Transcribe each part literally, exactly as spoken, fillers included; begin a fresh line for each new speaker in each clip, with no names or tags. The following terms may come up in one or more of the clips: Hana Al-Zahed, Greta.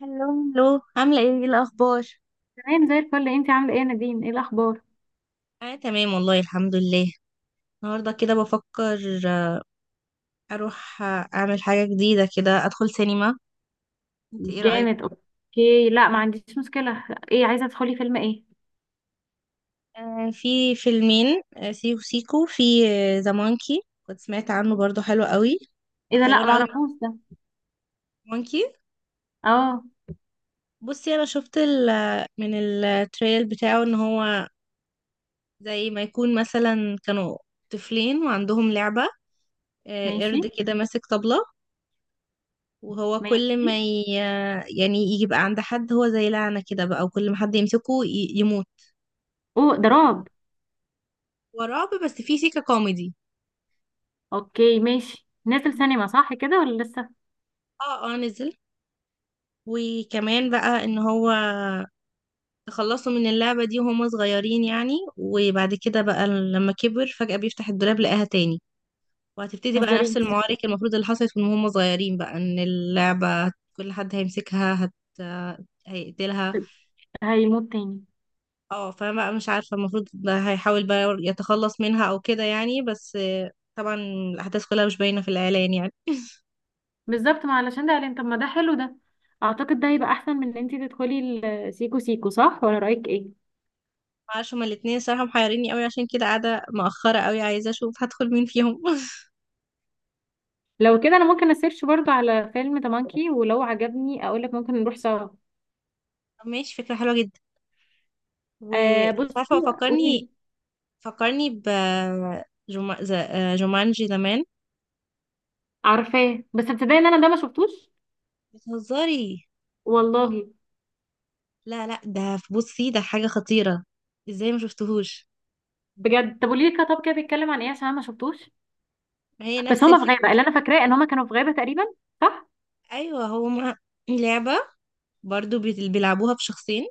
هلو. هلو، عاملة ايه ايه الأخبار؟
تمام زي الفل. انتي عامله ايه يا نادين؟ ايه الاخبار؟
أنا تمام والله الحمد لله. النهاردة كده بفكر آه، أروح، آه، أعمل حاجة جديدة كده أدخل سينما. انت ايه رأيك؟
جامد. اوكي، لا، ما عنديش مشكله. ايه؟ عايزه تدخلي فيلم ايه؟
آه في فيلمين، آه سيكو سيكو، في آه، ذا مونكي، كنت سمعت عنه برضو حلو قوي.
ايه ده؟ لا، ما
حيرانة قوي
اعرفوش ده.
من مونكي.
اه.
بصي أنا شفت ال من التريل بتاعه إن هو زي ما يكون مثلا كانوا طفلين وعندهم لعبة، آه،
ماشي.
قرد كده ماسك طبلة، وهو كل
ماشي.
ما ي... يعني يبقى عند حد، هو زي لعنة كده بقى، وكل ما حد يمسكه ي... يموت
اوه، ده
بقى.
رعب.
هو رعب بس فيه سيكة كوميدي.
اوكي، ماشي. نازل سينما صح كده ولا لسه؟
اه، اه، نزل. وكمان بقى ان هو تخلصوا من اللعبة دي وهم صغيرين يعني، وبعد كده بقى لما كبر فجأة بيفتح الدولاب لقاها تاني. وهتبتدي
ما
بقى نفس
تهزريش.
المعارك المفروض اللي حصلت من هم صغيرين، بقى ان اللعبة كل حد هيمسكها هت... هيقتلها.
هيموت تاني؟
اه، فانا مش عارفه المفروض ده هيحاول بقى يتخلص منها او كده يعني، بس آه، طبعا الاحداث كلها مش باينه في الاعلان يعني.
بالظبط. ما علشان ده قال، طب ما ده حلو ده. اعتقد ده هيبقى احسن من ان انتي تدخلي السيكو سيكو، صح ولا رايك ايه؟
معرفش هما الاتنين الصراحه محيريني قوي، عشان كده قاعده مأخره قوي عايزه اشوف هدخل مين فيهم.
لو كده انا ممكن اسيرش برضو على فيلم تمانكي، ولو عجبني اقولك، ممكن نروح سوا.
طب ماشي، فكره حلوه جدا.
آه،
ومش
بصي.
عارفه،
قولي
فكرني،
لي.
فكرني ب جوما... ز- آه، جومانجي زمان.
عارفاه بس تصدقي ان انا ده ما شفتوش.
بتهزري؟
والله.
لا لا، ده في- بصي ده حاجه خطيره، ازاي ما شفتهوش.
بجد؟ طب قولي لي كده، طب كده بيتكلم عن ايه عشان انا ما شفتوش.
ما هي
بس
نفس
هما في غابه.
الفكره.
اللي انا فاكراه ان هما كانوا في غابه تقريبا، صح؟
ايوه هما لعبه برضو بيت- بيلعبوها بشخصين.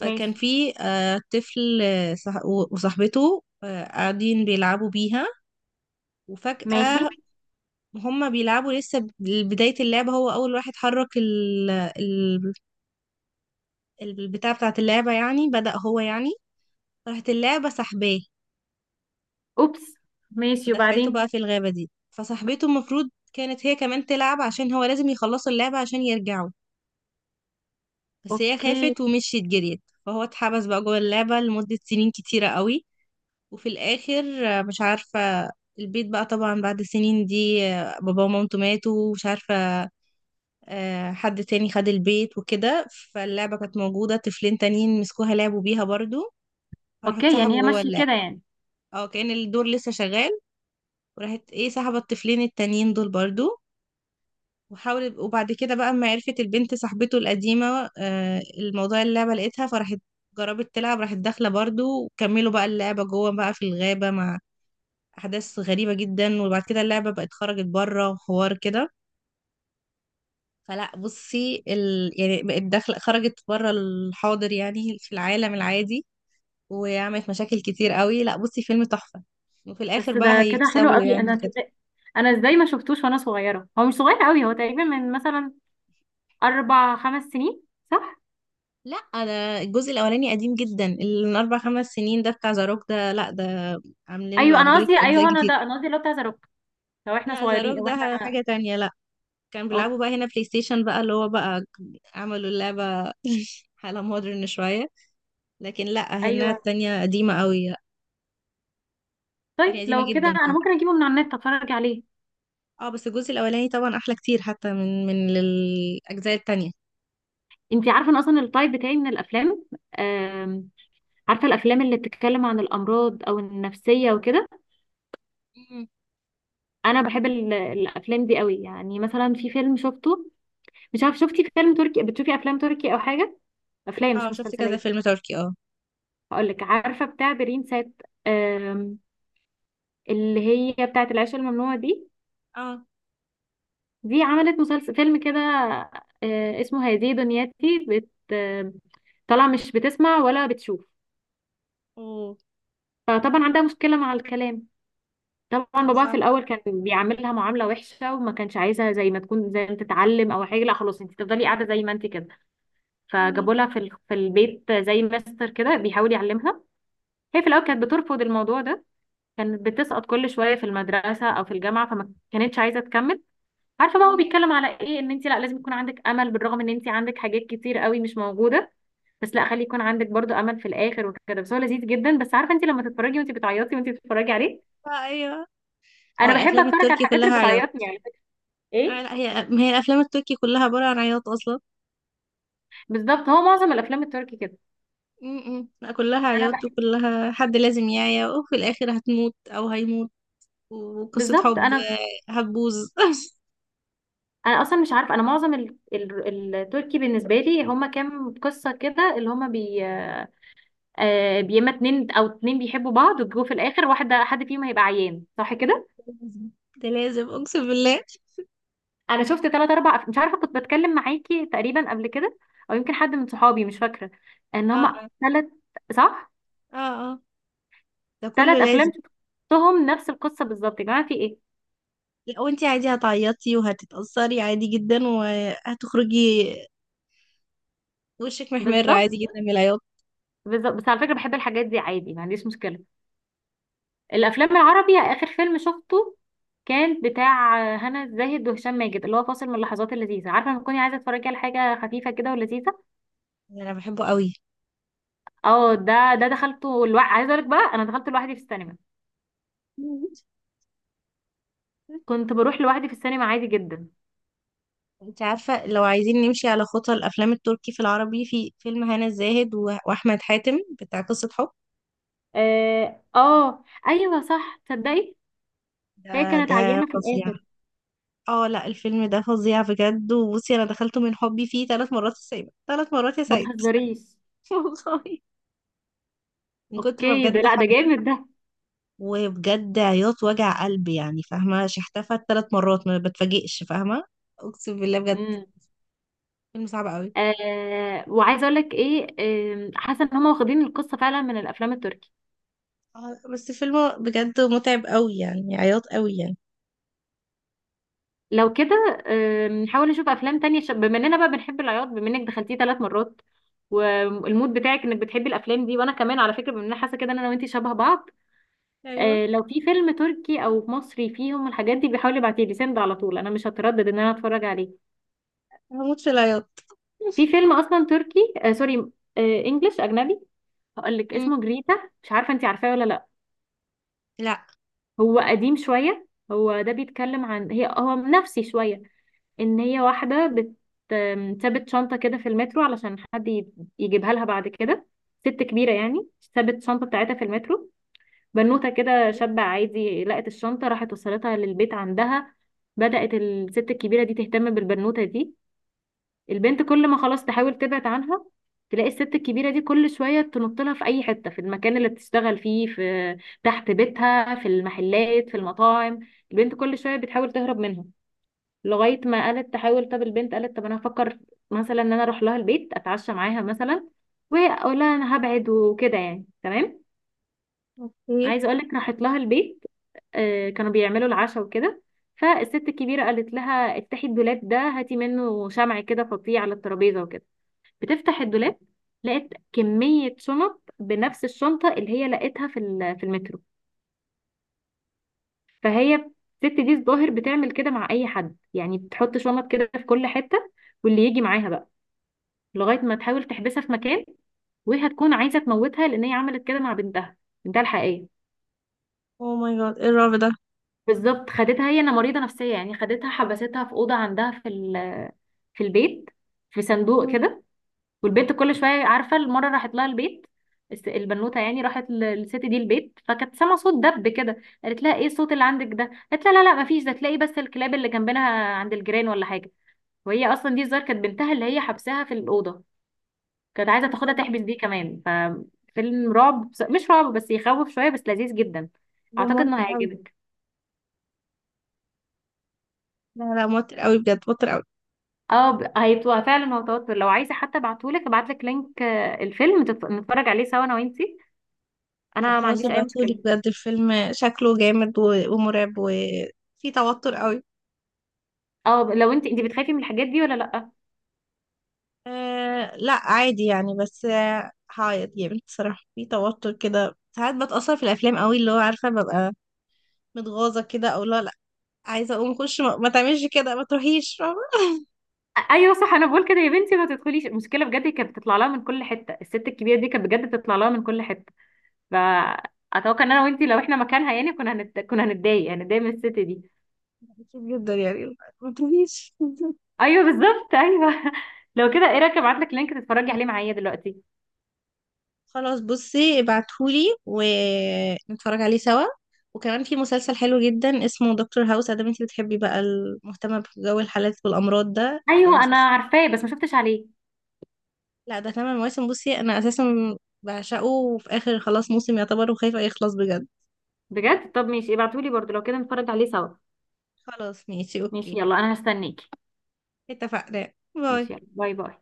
فكان
ماشي.
في آه، طفل آه، صح- و- وصاحبته، آه، قاعدين بيلعبوا بيها
ماشي.
وفجأة، هما بيلعبوا لسه ب- بداية اللعبة. هو أول واحد حرك ال- ال- البتاع بتاعة اللعبة يعني، بدأ هو يعني، راحت اللعبة سحباه
اوبس. ماشي،
ودخلته
وبعدين؟
بقى في الغابة دي. فصاحبته المفروض كانت هي كمان تلعب عشان هو لازم يخلصوا اللعبة عشان يرجعوا. بس هي
اوكي.
خافت ومشيت جريت، فهو اتحبس بقى جوه اللعبة لمدة سنين كتيرة قوي. وفي الاخر آه، مش عارفه، البيت بقى طبعا بعد سنين دي آه، بابا ومامته ماتوا ومش عارفه، آه، حد تاني خد البيت وكده. فاللعبه كانت موجوده، طفلين تانيين مسكوها لعبوا بيها برضو، فراحوا
اوكي، يعني هي
اتسحبوا جوه
ماشيه
اللعبه.
كده يعني.
اه، كان الدور لسه شغال وراحت ايه سحبت الطفلين التانيين دول برضو. وحاولت وبعد كده بقى اما عرفت البنت صاحبته القديمه آه، الموضوع اللعبه لقيتها، فراحت جربت تلعب، راحت داخله برضو، وكملوا بقى اللعبه جوه بقى في الغابه مع احداث غريبه جدا. وبعد كده اللعبه بقت خرجت بره وحوار كده. فلا بصي ال... يعني بقت داخله خرجت بره الحاضر يعني في العالم العادي، وعملت مشاكل كتير قوي. لا بصي فيلم تحفه، وفي الاخر
بس
بقى
ده كده حلو
هيكسبوا
قوي.
يعني
انا
كده.
تصدق، انا ازاي ما شفتوش وانا صغيره؟ هو مش صغير قوي، هو تقريبا من مثلا اربع خمس سنين، صح؟
لا انا الجزء الاولاني قديم جدا، اللي من اربع خمس سنين ده بتاع زاروك، ده لا ده عاملين له
ايوه، انا
ابجريد
قصدي.
اجزاء
ايوه، انا
كتير.
ده انا قصدي اللي هو بتاع ذا روك لو احنا
لا زاروك
صغيرين او
ده
احنا
حاجه تانية، لا كان
أو...
بيلعبوا بقى هنا بلاي ستيشن بقى، اللي هو بقى عملوا اللعبه على مودرن شويه. لكن لا هنا
ايوه.
التانية قديمة قوي،
طيب
التانية قديمة
لو كده
جدا
انا
طبعا.
ممكن اجيبه من على النت اتفرج عليه.
اه بس الجزء الاولاني طبعا احلى كتير حتى من من الاجزاء التانية.
انت عارفه ان اصلا التايب بتاعي من الافلام، آم، عارفه الافلام اللي بتتكلم عن الامراض او النفسيه وكده.
مم.
انا بحب ال- الافلام دي قوي. يعني مثلا في فيلم شفته، مش عارف، شفتي فيلم تركي؟ بتشوفي افلام تركي او حاجه؟ افلام مش
اه شفت كذا
مسلسلات.
فيلم تركي، اه.
هقول لك، عارفه بتاع برين سات، آم، اللي هي بتاعه العيش الممنوع دي.
اه.
دي عملت مسلسل فيلم كده، آه، اسمه هذه دنياتي. بت آم، طالعه مش بتسمع ولا بتشوف.
اوه،
فطبعا عندها مشكلة مع الكلام. طبعا
ده
باباها في
صعب أوي.
الأول كان بيعاملها معاملة وحشة، وما كانش عايزها زي ما تكون، زي ما تتعلم أو حاجة. لا، خلاص، انت تفضلي قاعدة زي ما انت كده.
مم.
فجابوا لها في ال- في البيت زي ماستر كده بيحاول يعلمها. هي في الأول كانت بترفض الموضوع ده. كانت بتسقط كل شوية في المدرسة أو في الجامعة، فما كانتش عايزة تكمل. عارفة بقى هو
مم.
بيتكلم على ايه؟ ان انت، لا، لازم يكون عندك أمل، بالرغم ان انت عندك حاجات كتير قوي مش موجودة. بس لا، خلي يكون عندك برضو امل في الاخر وكده. بس هو لذيذ جدا. بس عارفه انت لما تتفرجي، وانت بتعيطي وانت بتتفرجي عليه.
آه ايوه. هو
انا بحب
الافلام
اتفرج على
التركي
الحاجات
كلها
اللي
عياط؟
بتعيطني يعني.
آه
ايه،
لا، هي ما هي الافلام التركي كلها عبارة عن عياط اصلا.
بالظبط. هو معظم الافلام التركي كده.
مم. لا كلها
انا
عياط،
بحب
وكلها حد لازم يعيا وفي الاخر هتموت او هيموت، وقصة
بالظبط.
حب
انا
آه، هتبوظ.
انا اصلا مش عارفه، انا معظم ال... ال... التركي بالنسبه لي هما كام قصه كده اللي هما بي آه بيما. اتنين او اتنين بيحبوا بعض، وجو في الاخر واحده حد فيهم هيبقى عيان، صح كده؟
ده لازم اقسم بالله.
انا شفت تلات اربع أف- مش عارفه، كنت بتكلم معاكي تقريبا قبل كده، او يمكن حد من صحابي، مش فاكره. ان هما
اه،
تلات، صح؟
اه، اه، ده كله
تلات افلام
لازم.
شفتهم نفس القصه بالظبط، يا جماعه، في ايه؟
لا وانتي عادي هتعيطي وهتتأثري عادي جدا، وهتخرجي وشك محمر
بالظبط.
عادي جدا من العياط.
بالظبط، بس على فكرة بحب الحاجات دي عادي، ما عنديش مشكلة. الأفلام العربي، آخر فيلم شفته كان بتاع هنا الزاهد وهشام ماجد، اللي هو فاصل من اللحظات اللذيذة. عارفة لما تكوني عايزة تتفرجي على حاجة خفيفة كده ولذيذة.
انا بحبه قوي.
اه، ده ده دخلته الوا... عايزة أقولك بقى، أنا دخلت لوحدي في السينما. كنت بروح لوحدي في السينما عادي جدا.
انت عارفة، لو عايزين نمشي على خطى الافلام التركي في العربي، في فيلم هنا الزاهد و- واحمد حاتم بتاع قصة حب،
اه. آه، أيوه، صح، تصدقي،
ده
هي كانت
ده
عيانة في
فظيع.
الآخر.
اه لا الفيلم ده فظيع بجد، وبصي انا دخلته من حبي فيه ثلاث مرات السينما، ثلاث مرات يا
ما
سعيد.
تهزريش.
والله، من كتر ما
اوكي،
بجد
ده لا، ده
حبيت،
جامد
وبجد عياط وجع قلب يعني، فاهمة شحتفت ثلاث مرات ما بتفاجئش فاهمة. اقسم بالله بجد،
ده.
فيلم صعب قوي.
آه، وعايزه اقول لك ايه؟ آم، حاسه ان هم واخدين القصه فعلا من الافلام التركي.
آه، بس فيلم بجد متعب قوي يعني عياط قوي يعني.
لو كده، آم، نحاول نشوف افلام تانية. ش- بما اننا بقى بنحب العياط، بما انك دخلتيه ثلاث مرات، والمود بتاعك انك بتحبي الافلام دي، وانا كمان على فكره بما اننا حاسه كده ان انا وانتي شبه بعض.
ايوه
آه، لو في فيلم تركي او مصري فيهم الحاجات دي، بيحاول يبعتيه لي سند على طول، انا مش هتردد ان انا اتفرج عليه.
هموت في العياط.
في فيلم اصلا تركي، آه سوري، آه انجلش اجنبي. هقول لك
مم.
اسمه جريتا. مش عارفه انتي عارفاه ولا؟
لا
هو قديم شوية. هو ده بيتكلم عن، هي هو نفسي شوية، ان هي واحدة بت آم، سابت شنطة كده في المترو علشان حد ي- يجيبها لها بعد كده. ست كبيرة يعني. سابت الشنطة بتاعتها في المترو. بنوتة كده شابة عادي لقت الشنطة، راحت وصلتها للبيت عندها. بدأت الست الكبيرة دي تهتم بالبنوتة دي. البنت كل ما خلاص تحاول تبعد عنها، تلاقي الست الكبيرة دي كل شوية تنط لها في أي حتة، في المكان اللي بتشتغل فيه، في تحت بيتها، في المحلات، في المطاعم. البنت كل شوية بتحاول تهرب منها لغاية ما قالت تحاول. طب البنت قالت، طب أنا هفكر مثلا إن أنا أروح لها البيت، أتعشى معاها مثلا، وأقول لها أنا هبعد وكده يعني، تمام.
اوكي.
عايزة أقولك، راحت لها البيت. آه، كانوا بيعملوا العشاء وكده. فالست الكبيرة قالت لها، افتحي الدولاب ده هاتي منه شمع كده فظيع على الترابيزة وكده. بتفتح الدولاب، لقيت كمية شنط بنفس الشنطة اللي هي لقيتها في ال- في المترو. فهي، الست دي الظاهر بتعمل كده مع أي حد يعني، بتحط شنط كده في كل حتة، واللي يجي معاها بقى، لغاية ما تحاول تحبسها في مكان. وهي هتكون عايزة تموتها، لأن هي عملت كده مع بنتها، بنتها الحقيقية.
او ماي جاد، ايه الرعب ده.
بالظبط. خدتها، هي أنا مريضة نفسية يعني، خدتها حبستها في أوضة عندها في ال- في البيت، في صندوق
مم.
كده. والبنت كل شويه، عارفه، المره راحت لها البيت، الس- البنوته يعني راحت ل- للست دي البيت، فكانت سامعه صوت دب كده. قالت لها، ايه الصوت اللي عندك ده؟ قالت لها، لا لا، مفيش، ده تلاقي بس الكلاب اللي جنبنا عند الجيران ولا حاجه. وهي اصلا دي الظاهر كانت بنتها اللي هي حبسها في الاوضه، كانت عايزه تاخدها تحبس دي كمان. ففيلم رعب بس- مش رعب بس، يخوف شويه بس لذيذ جدا.
ده
اعتقد
موتر
انه
قوي.
هيعجبك.
لا لا، موتر قوي بجد، موتر قوي.
اه، ب- هيبقى فعلا هو توتر. لو عايزه حتى ابعتهولك، ابعتلك لينك آه، الفيلم، تت- نتفرج عليه سوا انا وانتي.
لا
انا ما
خلاص
عنديش اي
ابعتولي
مشكله.
بجد، الفيلم شكله جامد و- ومرعب وفي توتر قوي.
اه، لو انت انت بتخافي من الحاجات دي ولا لا؟
أه لا عادي يعني، بس آه، هعيط جامد بصراحة. في توتر كده ساعات بتأثر في الأفلام قوي، اللي هو عارفة، ببقى متغاظة كده، أو لا لا عايزة أقوم أخش ما, ما تعملش كده، ما تروحيش فاهمة.
أ- ايوه، صح، انا بقول كده يا بنتي ما تدخليش. المشكله بجد كانت بتطلع لها من كل حته، الست الكبيره دي كانت بجد بتطلع لها من كل حته. فاتوقع ان انا وانت لو احنا مكانها يعني، كنا هنت... كنا هنتضايق هنتضايق من الست دي.
بتشوف جدا يعني ما تروحيش.
ايوه، بالظبط، ايوه. لو كده ايه رايك ابعت لك لينك تتفرجي
مم.
عليه معايا دلوقتي؟
خلاص بصي ابعتهولي ونتفرج عليه سوا. وكمان في مسلسل حلو جدا اسمه دكتور هاوس، ادام انتي بتحبي بقى المهتمة بجو الحالات والأمراض، ده ده
ايوه، انا
مسلسل.
عارفاه بس ما شفتش عليه.
لا ده تمن مواسم، بصي انا اساسا بعشقه وفي اخر خلاص موسم يعتبر، وخايفة يخلص بجد.
بجد؟ طب ماشي، ابعتولي برضو لو كده نتفرج عليه سوا.
خلاص ماشي
ماشي،
اوكي،
يلا، انا هستنيكي.
اتفقنا،
ماشي،
باي.
يلا، باي باي.